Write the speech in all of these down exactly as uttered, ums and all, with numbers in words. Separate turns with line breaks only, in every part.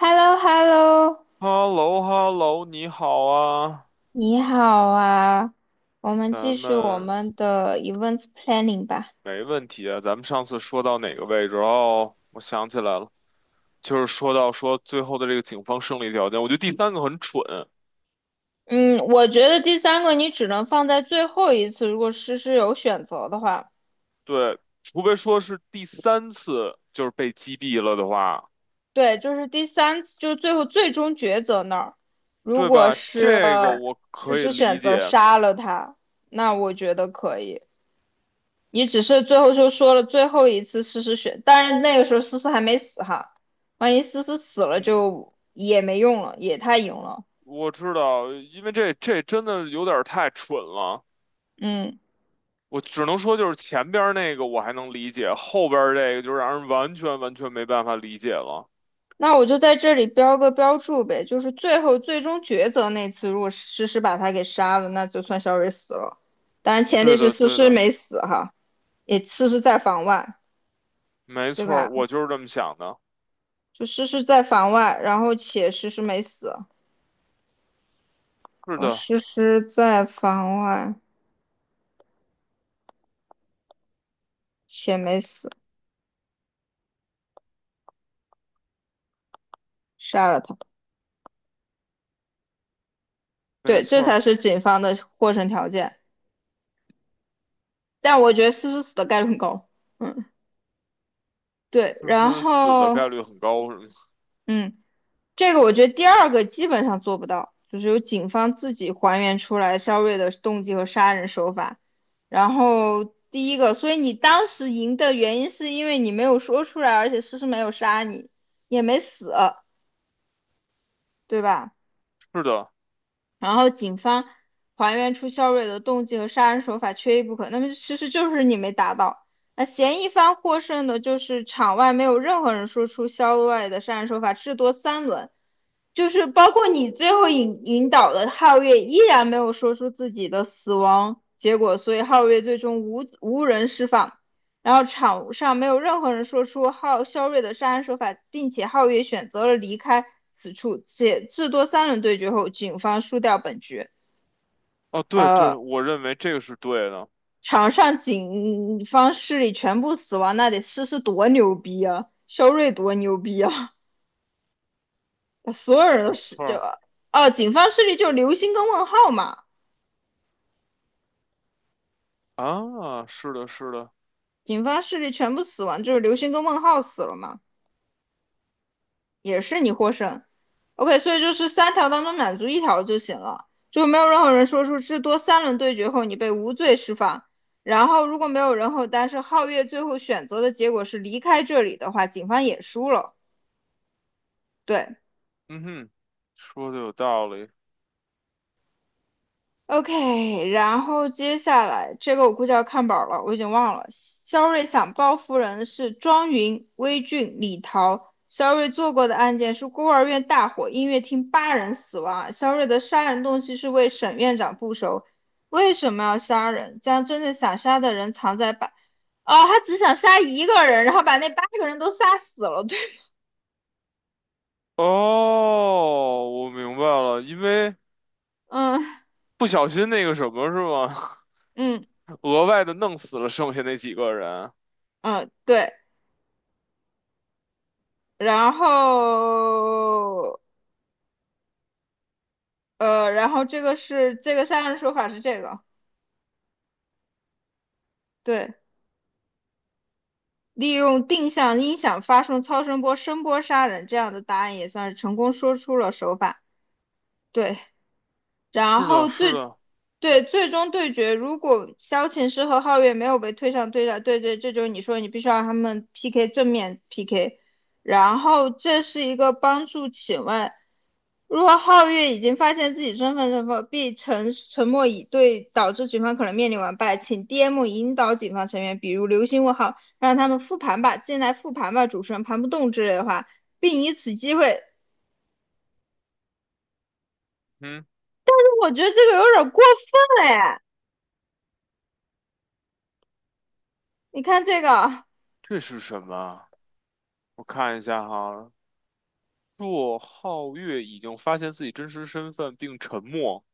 h e l l o h e l l o
h e l l o h e l l o 你好啊，
你好啊，我们
咱
继续我
们
们的 events planning 吧。
没问题啊。咱们上次说到哪个位置？哦，我想起来了，就是说到说最后的这个警方胜利条件，我觉得第三个很蠢。
嗯，我觉得第三个你只能放在最后一次，如果诗诗有选择的话，
对，除非说是第三次就是被击毙了的话，
对，就是第三次，就是最后最终抉择那儿，如
对
果
吧？
是
这个我
诗
可以
诗
理
选择
解。
杀了他，那我觉得可以。你只是最后就说了最后一次诗诗选，但是那个时候诗诗还没死哈，万一诗诗死了
嗯，
就也没用了，也太赢了。
我知道，因为这这真的有点儿太蠢了。
嗯，
我只能说，就是前边儿那个我还能理解，后边儿这个就让人完全完全没办法理解了。
那我就在这里标个标注呗，就是最后最终抉择那次，如果诗诗把他给杀了，那就算小蕊死了。当然前提
对
是
的，
诗
对
诗
的，
没死哈，也诗诗在房外，
没
对
错
吧？
儿，我就是这么想的。
就诗诗在房外，然后且诗诗没死，
是
呃，
的，
诗诗在房外且没死，杀了他。
没
对，这
错儿，
才是警方的获胜条件。但我觉得诗诗死的概率很高。嗯，对，
就
然
是死的
后。
概率很高，是吗？
嗯，这个我觉得第二个基本上做不到，就是由警方自己还原出来肖瑞的动机和杀人手法。然后第一个，所以你当时赢的原因是因为你没有说出来，而且诗诗没有杀你，也没死，对吧？
是的。
然后警方还原出肖瑞的动机和杀人手法缺一不可，那么其实就是你没达到。那嫌疑方获胜的就是场外没有任何人说出肖瑞的杀人手法，至多三轮。就是包括你最后引引导的皓月依然没有说出自己的死亡结果，所以皓月最终无无人释放。然后场上没有任何人说出皓肖瑞的杀人手法，并且皓月选择了离开此处。且至多三轮对决后，警方输掉本局。
哦，对对，
呃，
我认为这个是对的，
场上警方势力全部死亡，那得是是多牛逼啊！肖瑞多牛逼啊！所有人
没
都死
错
掉
儿
了。哦，呃警方势力就是流星跟问号嘛。
啊，是的，是的，
警方势力全部死亡，就是流星跟问号死了嘛，也是你获胜。OK，所以就是三条当中满足一条就行了，就没有任何人说出至多三轮对决后你被无罪释放。然后如果没有人后，但是皓月最后选择的结果是离开这里的话，警方也输了。对，
嗯哼，说的有道理。
OK，然后接下来这个我估计要看本儿了，我已经忘了。肖瑞想报复人的是庄云、魏俊、李桃。肖瑞做过的案件是孤儿院大火，音乐厅八人死亡。肖瑞的杀人动机是为沈院长复仇。为什么要杀人？将真正想杀的人藏在把……哦，他只想杀一个人，然后把那八个人都杀死了。对，
哦，我明白了，因为
嗯
不小心那个什么是吗？
嗯，
额外的弄死了剩下那几个人。
嗯，对，然后。呃，然后这个是这个杀人手法是这个，对，利用定向音响发送超声波声波杀人，这样的答案也算是成功说出了手法。对。然
是的，
后
是
最
的，
对最终对决，如果萧琴师和皓月没有被推上对战，对对，这就是你说你必须要让他们 P K 正面 P K，然后这是一个帮助。请问，如果皓月已经发现自己身份身份，必沉沉默以对，导致局方可能面临完败，请 D M 引导警方成员，比如流星问号，让他们复盘吧，进来复盘吧，主持人盘不动之类的话，并以此机会，
嗯，
我觉得这个有点过分了耶，你看这个。
这是什么？我看一下哈，若皓月已经发现自己真实身份并沉默，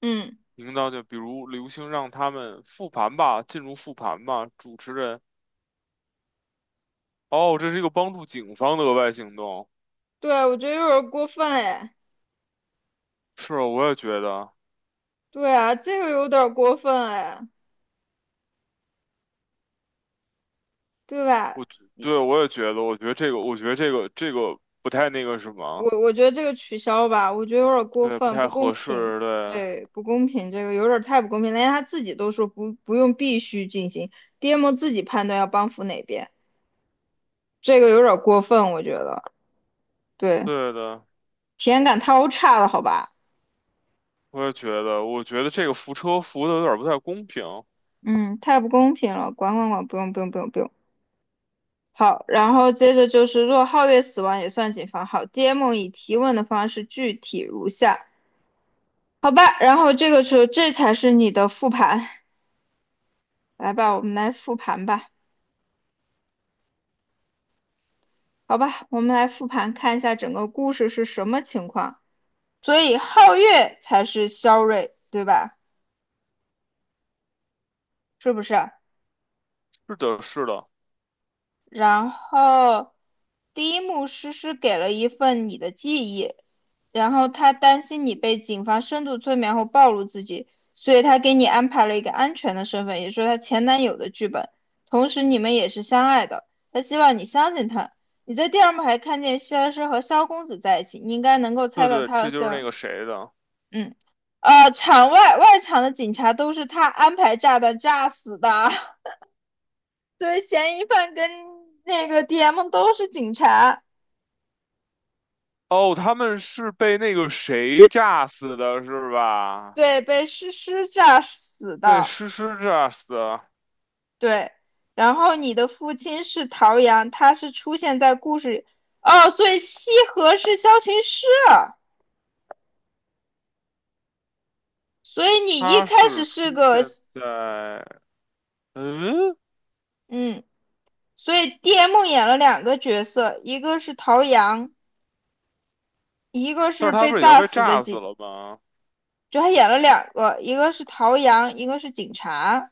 嗯，
领当就比如刘星让他们复盘吧，进入复盘吧。主持人，哦，这是一个帮助警方的额外行动。
对，我觉得有点过分哎，
是啊我也觉得，
对啊，这个有点过分哎，对吧？
我对我也觉得，我觉得这个，我觉得这个这个不太那个什么，
我我觉得这个取消吧，我觉得有点过
对，不
分，
太
不公
合
平，
适，对，
对，不公平，这个有点太不公平了，连他自己都说不不用必须进行，D M 自己判断要帮扶哪边，这个有点过分，我觉得，对，
对的，
体验感太差了，好吧？
我也觉得，我觉得这个扶车扶的有点不太公平。
嗯，太不公平了，管管管，不用不用不用不用。好，然后接着就是，若皓月死亡也算警方。好，D M 以提问的方式具体如下：好吧，然后这个时候这才是你的复盘，来吧，我们来复盘吧。好吧，我们来复盘看一下整个故事是什么情况。所以皓月才是萧睿，对吧？是不是？
是的，是的，
然后第一幕诗诗给了一份你的记忆，然后他担心你被警方深度催眠后暴露自己，所以他给你安排了一个安全的身份，也就是她前男友的剧本。同时你们也是相爱的，他希望你相信他。你在第二幕还看见希尔师和萧公子在一起，你应该能够
对
猜到
对，
他和
这就
希
是那
尔，
个谁的。
嗯，呃，场外外场的警察都是他安排炸弹炸死的。对，嫌疑犯跟那个 D M 都是警察，
哦，他们是被那个谁炸死的，是吧？
对，被诗诗炸死
被
的，
诗诗炸死的，
对。然后你的父亲是陶阳，他是出现在故事哦，所以西河是萧琴师啊，所以你一
他
开始
是
是
出
个，
现在，嗯，
嗯，所以 D M 演了两个角色，一个是陶阳，一个
但是
是
他
被
不是已经
炸
被
死的
炸死
警，
了吗？
就他演了两个，一个是陶阳，一个是警察。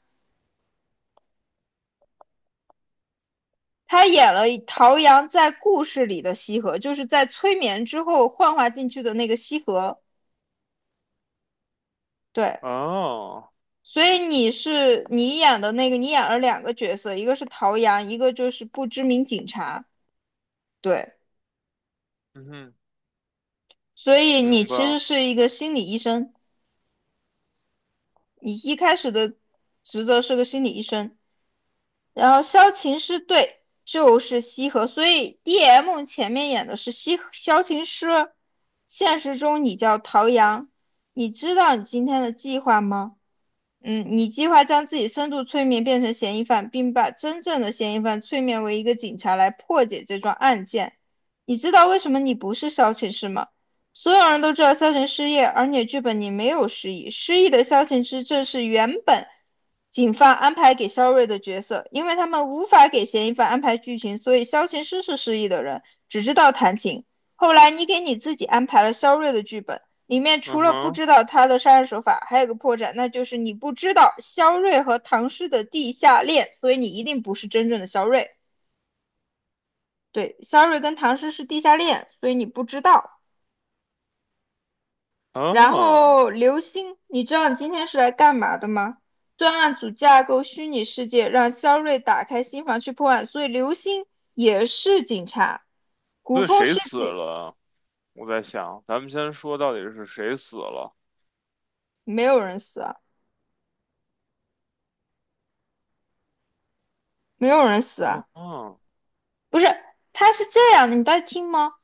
他演了陶阳在故事里的西河，就是在催眠之后幻化进去的那个西河。对，
哦，
所以你是你演的那个，你演了两个角色，一个是陶阳，一个就是不知名警察。对，
嗯哼，
所以你
明白
其实
了
是一个心理医生，你一开始的职责是个心理医生。然后萧晴是对，就是西河，所以 D M 前面演的是西萧晴师，现实中你叫陶阳，你知道你今天的计划吗？嗯，你计划将自己深度催眠变成嫌疑犯，并把真正的嫌疑犯催眠为一个警察来破解这桩案件。你知道为什么你不是萧晴诗吗？所有人都知道萧晴失业，而你的剧本里没有失忆。失忆的萧晴诗正是原本警方安排给肖瑞的角色，因为他们无法给嫌疑犯安排剧情，所以萧晴诗是失忆的人，只知道弹琴。后来你给你自己安排了肖瑞的剧本，里面
嗯
除了不
哼，
知道他的杀人手法，还有个破绽，那就是你不知道肖瑞和唐诗的地下恋，所以你一定不是真正的肖瑞。对，肖瑞跟唐诗是地下恋，所以你不知道。然
哦，
后刘星，你知道你今天是来干嘛的吗？专案组架构虚拟世界，让肖瑞打开心房去破案，所以刘星也是警察。古
所以
风
谁
世
死
纪
了？我在想，咱们先说到底是谁死了？
没有人死啊，没有人死啊，
啊，
不是，他是这样的，你在听吗？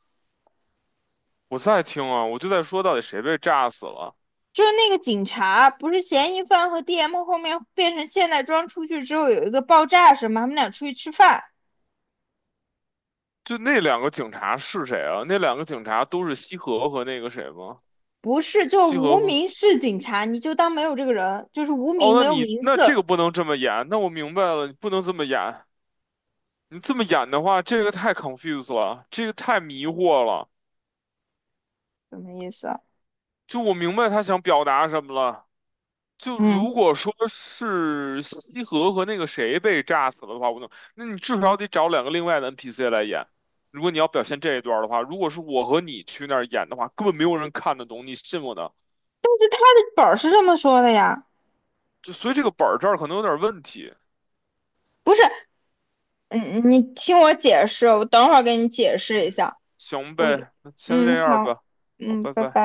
我在听啊，我就在说到底谁被炸死了？
就是那个警察，不是嫌疑犯和 D M 后面变成现代装出去之后有一个爆炸什么，他们俩出去吃饭，
就那两个警察是谁啊？那两个警察都是西河和那个谁吗？
不是就是
西
无
河
名氏警察，你就当没有这个人，就是无
哦，
名
那
没有
你
名
那这个
字，
不能这么演，那我明白了，你不能这么演。你这么演的话，这个太 c o n f u s e 了，这个太迷惑了。
什么意思啊？
就我明白他想表达什么了。就如
嗯，
果说是西河和那个谁被炸死了的话，我能，那你至少得找两个另外的 N P C 来演。如果你要表现这一段儿的话，如果是我和你去那儿演的话，根本没有人看得懂，你信我的。
但是他的本儿是这么说的呀，
就所以这个本儿这儿可能有点问题。
不是，嗯，你听我解释，我等会儿给你解释一
嗯，
下，
行
我，
呗，那先这
嗯，
样
好，
吧。好，
嗯，
拜
拜拜。
拜。